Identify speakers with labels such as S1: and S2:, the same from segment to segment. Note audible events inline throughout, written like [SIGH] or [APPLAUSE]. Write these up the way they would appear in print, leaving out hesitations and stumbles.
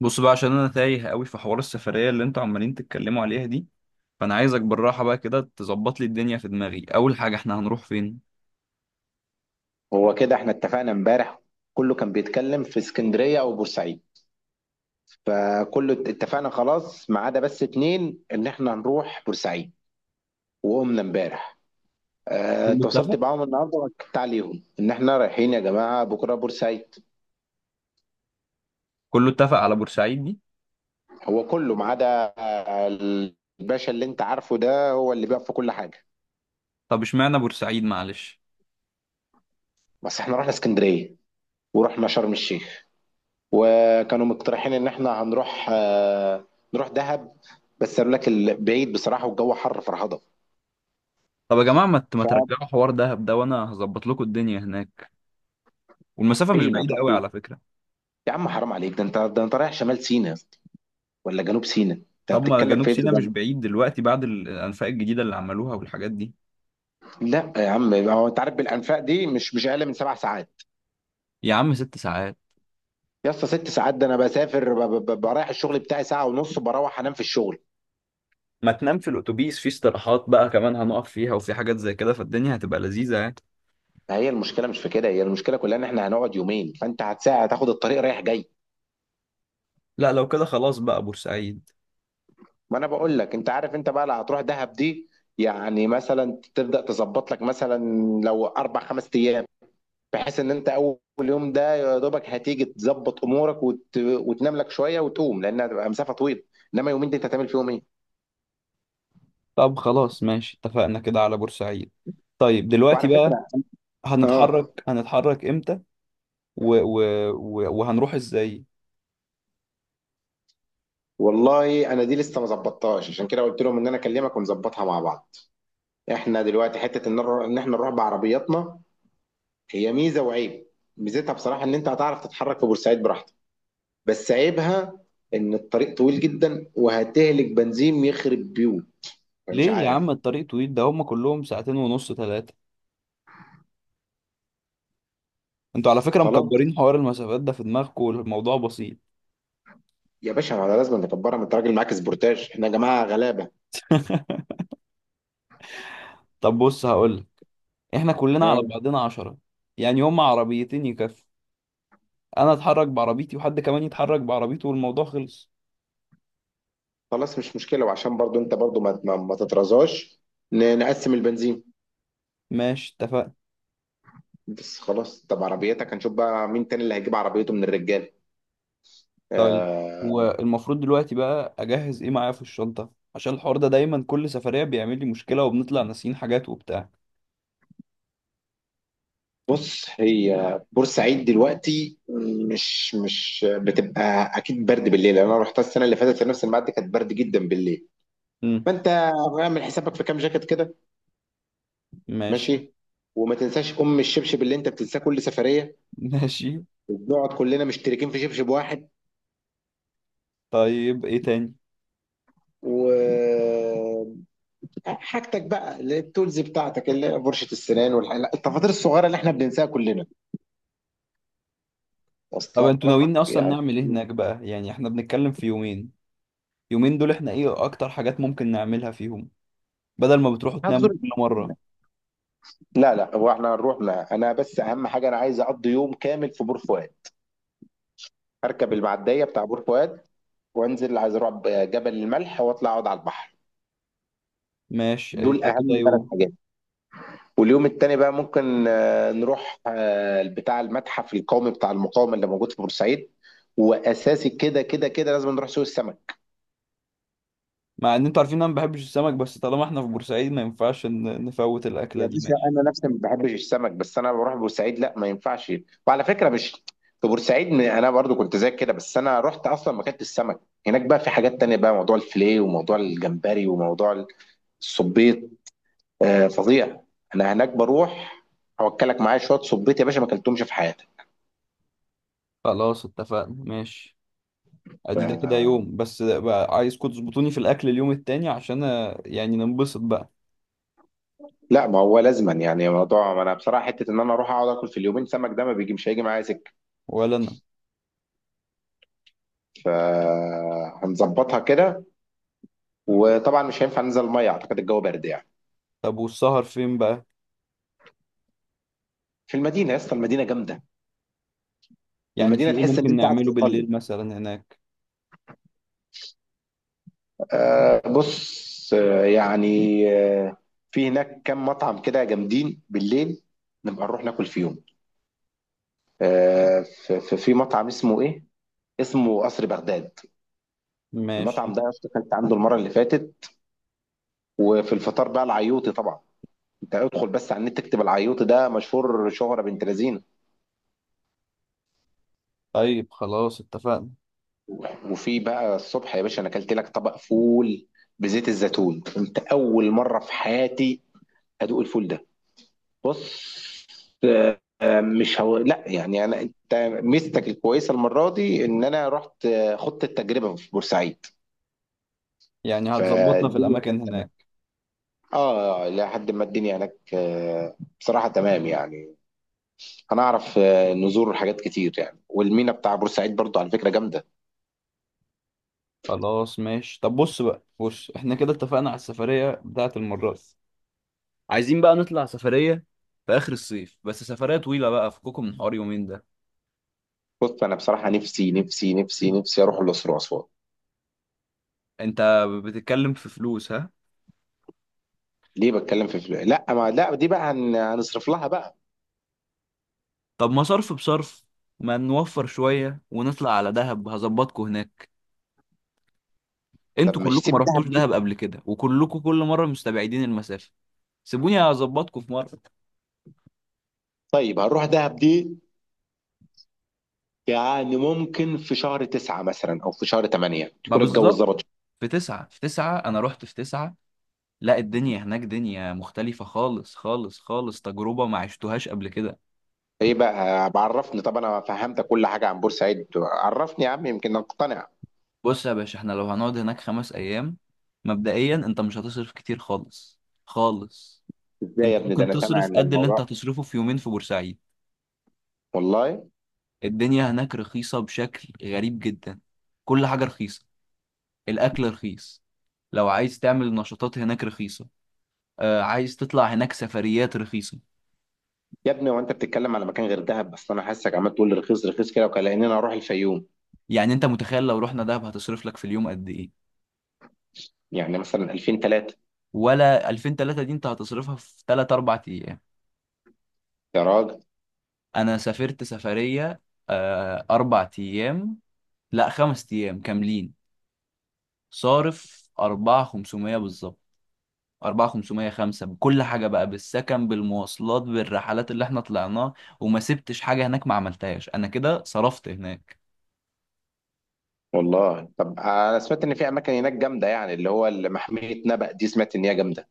S1: بص بقى عشان انا تايه قوي في حوار السفريه اللي انتوا عمالين تتكلموا عليها دي. فانا عايزك بالراحه بقى كده تظبط لي الدنيا في دماغي. اول حاجه احنا هنروح فين؟
S2: هو كده احنا اتفقنا امبارح. كله كان بيتكلم في اسكندرية او بورسعيد. فكله اتفقنا خلاص ما عدا بس اتنين ان احنا هنروح بورسعيد. وقمنا امبارح. اه،
S1: كله
S2: اتواصلت
S1: اتفق.
S2: معاهم النهارده واكدت عليهم ان احنا رايحين يا جماعة بكرة بورسعيد.
S1: كله اتفق على بورسعيد دي؟
S2: هو كله ما عدا اه، الباشا اللي انت عارفه ده هو اللي بيقف في كل حاجة.
S1: طب اشمعنى بورسعيد؟ معلش.
S2: بس احنا رحنا اسكندرية ورحنا شرم الشيخ. وكانوا مقترحين ان احنا هنروح نروح دهب. بس قالوا لك بعيد بصراحة والجو حر فرهضة.
S1: طب يا جماعه ما
S2: ففين؟
S1: ترجعوا حوار دهب ده وانا هظبط لكم الدنيا هناك. والمسافه مش بعيده
S2: هتروح
S1: قوي
S2: فين؟
S1: على فكره.
S2: يا عم حرام عليك، ده انت ده انت رايح شمال سيناء يا اسطى، ولا جنوب سيناء؟ انت
S1: طب ما
S2: بتتكلم في
S1: جنوب
S2: ايه ده؟
S1: سيناء مش بعيد دلوقتي بعد الانفاق الجديده اللي عملوها والحاجات دي.
S2: لا يا عم، هو انت عارف بالانفاق دي مش اقل من سبع ساعات.
S1: يا عم 6 ساعات.
S2: يا اسطى ست ساعات، ده انا بسافر برايح الشغل بتاعي ساعه ونص بروح انام في الشغل.
S1: ما تنام في الاتوبيس في استراحات بقى كمان هنقف فيها وفي حاجات زي كده فالدنيا هتبقى لذيذه يعني.
S2: فهي المشكله مش في كده، هي المشكله كلها ان احنا هنقعد يومين، فانت هتساعد هتاخد الطريق رايح جاي.
S1: لا لو كده خلاص بقى بورسعيد.
S2: ما انا بقول لك، انت عارف، انت بقى لا هتروح دهب دي. يعني مثلا تبدا تظبط لك مثلا لو اربع خمس ايام، بحيث ان انت اول يوم ده يا دوبك هتيجي تظبط امورك وتنام لك شويه وتقوم لانها هتبقى مسافه طويله. انما يومين دي انت هتعمل فيهم ايه؟
S1: طب خلاص ماشي اتفقنا كده على بورسعيد. طيب دلوقتي
S2: وعلى
S1: بقى،
S2: فكره. اه.
S1: هنتحرك امتى؟ و... و... وهنروح ازاي؟
S2: والله انا دي لسه ما ظبطتهاش، عشان كده قلت لهم ان انا اكلمك ونظبطها مع بعض. احنا دلوقتي حته ان ان احنا نروح بعربياتنا. هي ميزه وعيب. ميزتها بصراحه ان انت هتعرف تتحرك في بورسعيد براحتك. بس عيبها ان الطريق طويل جدا وهتهلك بنزين يخرب بيوت. فمش
S1: ليه يا
S2: عارف.
S1: عم الطريق طويل ده؟ هما كلهم ساعتين ونص ثلاثة. انتوا على فكرة
S2: خلاص.
S1: مكبرين حوار المسافات ده في دماغكم والموضوع بسيط.
S2: يا باشا ما لازم نكبرها، ما انت راجل معاك سبورتاج، احنا يا جماعه غلابه.
S1: [LAUGHS] طب بص هقولك، احنا كلنا
S2: ها.
S1: على بعضنا 10. يعني هما عربيتين يكفوا. انا اتحرك بعربيتي وحد كمان يتحرك بعربيته والموضوع خلص.
S2: خلاص مش مشكله، وعشان برضو انت برضو ما تترزاش، نقسم البنزين.
S1: ماشي اتفقنا.
S2: بس خلاص، طب عربيتك، هنشوف بقى مين تاني اللي هيجيب عربيته من الرجال.
S1: طيب
S2: آه.
S1: هو المفروض دلوقتي بقى اجهز ايه معايا في الشنطه؟ عشان الحوار ده دايما كل سفريه بيعمل لي مشكله وبنطلع ناسيين حاجات وبتاع.
S2: بص، هي بورسعيد دلوقتي مش بتبقى اكيد برد بالليل. انا رحتها السنه اللي فاتت في نفس الميعاد دي كانت برد جدا بالليل.
S1: امم.
S2: فانت اعمل حسابك في كام جاكيت كده.
S1: ماشي.
S2: ماشي. وما تنساش ام الشبشب اللي انت بتنساه كل سفريه،
S1: [LAUGHS] ماشي.
S2: وبنقعد كلنا مشتركين في شبشب واحد.
S1: طيب ايه تاني؟
S2: و حاجتك بقى اللي هي التولز بتاعتك، اللي هي فرشة السنان والحاجات التفاصيل الصغيرة اللي احنا بننساها كلنا،
S1: طب
S2: واصله
S1: انتوا
S2: لك.
S1: ناويين اصلا
S2: يعني
S1: نعمل ايه هناك بقى؟ يعني احنا بنتكلم في يومين. يومين دول احنا ايه اكتر حاجات ممكن نعملها فيهم؟ بدل ما بتروحوا تناموا
S2: هتزور.
S1: كل مره.
S2: لا لا، هو احنا هنروح لا. انا بس اهم حاجة انا عايز اقضي يوم كامل في بور فؤاد. هركب المعدية بتاع بور فؤاد وانزل عايز اروح جبل الملح واطلع اقعد على البحر.
S1: ماشي ادي
S2: دول
S1: ده
S2: اهم
S1: كده
S2: ثلاث
S1: يوم.
S2: حاجات. واليوم التاني بقى ممكن نروح بتاع المتحف القومي بتاع المقاومة اللي موجود في بورسعيد. وأساسي كده كده كده لازم نروح سوق السمك.
S1: مع ان انتوا عارفين انا ما بحبش السمك، بس طالما احنا في بورسعيد ما ينفعش نفوت الاكله
S2: يا
S1: دي.
S2: باشا
S1: ماشي.
S2: أنا نفسي ما بحبش السمك، بس أنا بروح بورسعيد لا ما ينفعش. وعلى فكرة مش في بورسعيد أنا برضو كنت زيك كده، بس أنا رحت أصلا ما كانت السمك. هناك بقى في حاجات تانية بقى، موضوع الفيليه وموضوع الجمبري وموضوع الصبيط. فظيع. أنا هناك بروح أوكلك معايا شوية صبيط يا باشا، ما أكلتهمش في حياتي.
S1: خلاص اتفقنا. ماشي. ادي ده كده يوم، بس بقى عايزكم تظبطوني في الاكل اليوم التاني عشان يعني ننبسط بقى.
S2: لا، ما هو لازما يعني موضوع، ما انا بصراحه حته ان انا اروح اقعد اكل في اليومين سمك ده ما بيجي، مش هيجي معايا سكه.
S1: ولا انا.
S2: فهنظبطها كده. وطبعا مش هينفع ننزل الميه، اعتقد الجو برد يعني.
S1: طب والسهر فين بقى؟
S2: في المدينه يا اسطى، المدينه جامده.
S1: يعني في
S2: المدينه
S1: ايه
S2: تحس ان
S1: ممكن
S2: انت قاعد في
S1: نعمله
S2: ايطاليا.
S1: بالليل مثلا هناك؟
S2: بص. في هناك كام مطعم كده جامدين بالليل، نبقى نروح ناكل فيهم. في مطعم اسمه ايه، اسمه قصر بغداد. المطعم
S1: ماشي.
S2: ده يا اسطى كنت عنده المره اللي فاتت. وفي الفطار بقى العيوطي طبعا. انت ادخل بس على النت تكتب العيوط، ده مشهور شهرة بنت لذينه.
S1: طيب خلاص اتفقنا.
S2: وفي بقى الصبح يا باشا انا اكلت لك طبق فول بزيت الزيتون انت اول مره في حياتي ادوق الفول ده. بص. مش هو لا، يعني انا انت ميزتك الكويسه المره دي ان انا رحت خضت التجربه في بورسعيد.
S1: يعني هتظبطنا في
S2: فالدنيا هناك
S1: الاماكن
S2: تمام.
S1: هناك.
S2: اه لحد ما الدنيا هناك بصراحه تمام يعني. هنعرف نزور حاجات كتير يعني. والمينا بتاع بورسعيد برضو على فكره جامده.
S1: خلاص ماشي. طب بص بقى، بص احنا كده اتفقنا على السفرية بتاعة المرة دي. عايزين بقى نطلع سفرية في اخر الصيف، بس سفرية طويلة بقى، فككم من حوار يومين ده.
S2: بص انا بصراحه نفسي نفسي نفسي نفسي اروح الاقصر واسوان.
S1: انت بتتكلم في فلوس؟ ها.
S2: ليه بتكلم في فلوس؟ لا، ما لا، دي بقى هنصرف لها بقى.
S1: طب ما صرف بصرف. ما نوفر شوية ونطلع على دهب، هظبطكم هناك.
S2: طب
S1: انتوا
S2: مش
S1: كلكم
S2: سيب
S1: ما رحتوش
S2: دهب دي.
S1: دهب قبل كده وكلكم كل مرة مستبعدين المسافة. سيبوني هظبطكم في مرة.
S2: طيب هنروح دهب دي، يعني ممكن في شهر تسعة مثلا او في شهر تمانية
S1: ما
S2: تكون الجو
S1: بالظبط.
S2: ظبط.
S1: في تسعة انا رحت في تسعة. لا، الدنيا هناك دنيا مختلفة خالص خالص خالص. تجربة ما عشتوهاش قبل كده.
S2: ايه بقى؟ بعرفني، طب انا فهمتك كل حاجه عن بورسعيد، عرفني يا عم يمكن اقتنع.
S1: بص يا باشا، احنا لو هنقعد هناك 5 ايام، مبدئيا انت مش هتصرف كتير خالص خالص.
S2: ازاي يا
S1: انت
S2: ابني، ده
S1: ممكن
S2: انا سامع
S1: تصرف
S2: ان
S1: قد اللي انت
S2: الموضوع.
S1: هتصرفه في يومين في بورسعيد.
S2: والله
S1: الدنيا هناك رخيصة بشكل غريب جدا. كل حاجة رخيصة. الأكل رخيص. لو عايز تعمل نشاطات هناك رخيصة. آه، عايز تطلع هناك سفريات رخيصة.
S2: يا ابني، وانت بتتكلم على مكان غير دهب، بس انا حاسسك عمال تقول لي رخيص رخيص كده وكأننا اروح الفيوم.
S1: يعني انت متخيل لو رحنا دهب هتصرف لك في اليوم قد ايه؟
S2: يعني مثلا 2000 3.
S1: ولا 2000 3؟ دي انت هتصرفها في 3 4 ايام. انا سافرت سفرية، آه 4 ايام، لا 5 ايام كاملين، صارف 4 500 بالظبط. أربعة خمسمية خمسة بكل حاجة بقى، بالسكن بالمواصلات بالرحلات اللي احنا طلعناها. وما سبتش حاجة هناك ما عملتهاش. أنا كده صرفت هناك.
S2: والله طب انا سمعت ان في اماكن هناك جامده، يعني اللي هو اللي محميه نبأ دي، سمعت ان هي جامده.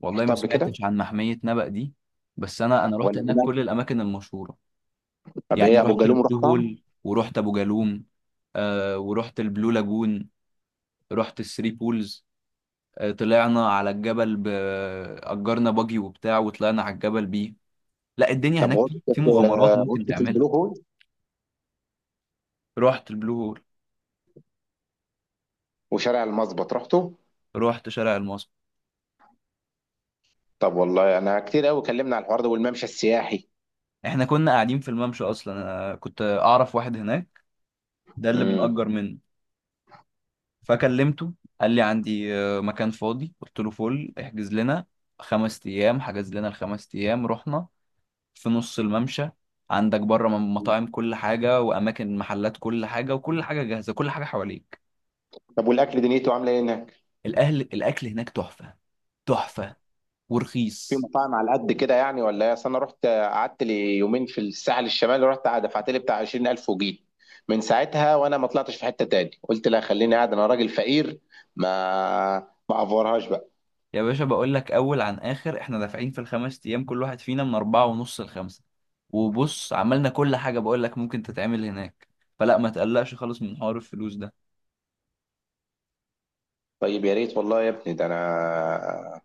S1: والله ما
S2: رحتها قبل كده
S1: سمعتش عن محمية نبأ دي. بس أنا رحت
S2: ولا
S1: هناك
S2: هناك؟
S1: كل الأماكن المشهورة.
S2: طب
S1: يعني
S2: ايه ابو
S1: رحت
S2: جالوم،
S1: البلو
S2: رحتها؟
S1: هول ورحت أبو جالوم. آه ورحت البلو لاجون. رحت الثري بولز. آه طلعنا على الجبل أجرنا باجي وبتاع وطلعنا على الجبل بيه. لا، الدنيا
S2: طب
S1: هناك في
S2: غرفه،
S1: في مغامرات ممكن
S2: غرفه
S1: تعملها.
S2: البلو هول،
S1: رحت البلو هول.
S2: وشارع المظبط رحته؟
S1: رحت شارع المصب.
S2: طب والله انا كتير قوي كلمنا على الحوار ده والممشى السياحي.
S1: احنا كنا قاعدين في الممشى اصلا. انا كنت اعرف واحد هناك، ده اللي
S2: امم.
S1: بنأجر منه. فكلمته، قال لي عندي مكان فاضي، قلت له فل احجز لنا 5 ايام. حجز لنا ال5 ايام، رحنا في نص الممشى. عندك بره مطاعم كل حاجة وأماكن محلات كل حاجة، وكل حاجة جاهزة، كل حاجة حواليك.
S2: طب والاكل دنيته عامله ايه هناك؟
S1: الأكل هناك تحفة. تحفة.
S2: في
S1: ورخيص.
S2: مطاعم على قد كده يعني ولا ايه؟ أصل انا رحت قعدت لي يومين في الساحل الشمالي، رحت دفعت لي بتاع 20,000 وجيت. من ساعتها وانا ما طلعتش في حته تاني، قلت لا خليني قاعد انا راجل فقير ما ما افورهاش بقى.
S1: يا باشا بقول لك اول عن اخر احنا دافعين في ال5 ايام كل واحد فينا من 4 ونص ل5. وبص عملنا كل حاجة بقول لك ممكن تتعمل هناك. فلا ما تقلقش خالص من حوار الفلوس ده.
S2: طيب يا ريت والله يا ابني، ده انا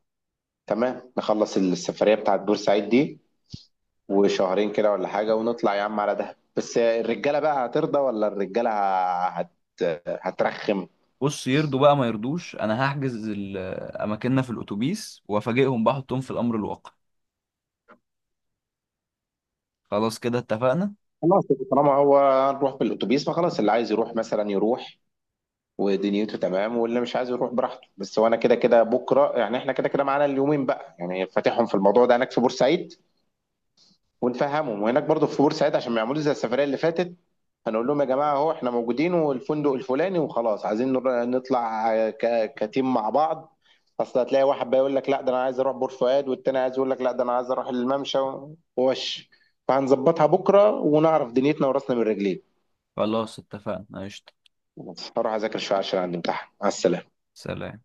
S2: تمام. نخلص السفريه بتاعت بورسعيد دي وشهرين كده ولا حاجه ونطلع يا عم على دهب، بس الرجاله بقى هترضى ولا الرجاله هت... هترخم.
S1: بص، يرضوا بقى ما يرضوش، انا هحجز اماكننا في الاتوبيس وافاجئهم بحطهم في الامر الواقع. خلاص كده اتفقنا.
S2: خلاص. طالما هو هنروح بالاتوبيس، فخلاص اللي عايز يروح مثلا يروح ودنيته تمام، واللي مش عايز يروح براحته. بس وانا كده كده بكره، يعني احنا كده كده معانا اليومين بقى، يعني فاتحهم في الموضوع ده هناك في بورسعيد ونفهمهم، وهناك برضو في بورسعيد عشان ما يعملوش زي السفريه اللي فاتت. هنقول لهم يا جماعه اهو احنا موجودين والفندق الفلاني وخلاص عايزين نطلع كتيم مع بعض. اصل هتلاقي واحد بقى يقول لك لا ده انا عايز اروح بور فؤاد، والتاني عايز يقول لك لا ده انا عايز اروح الممشى ووش. فهنظبطها بكره ونعرف دنيتنا وراسنا من رجلين.
S1: خلاص اتفقنا قشطة.
S2: هروح اذاكر شويه عشان عندي امتحان. مع السلامه.
S1: سلام.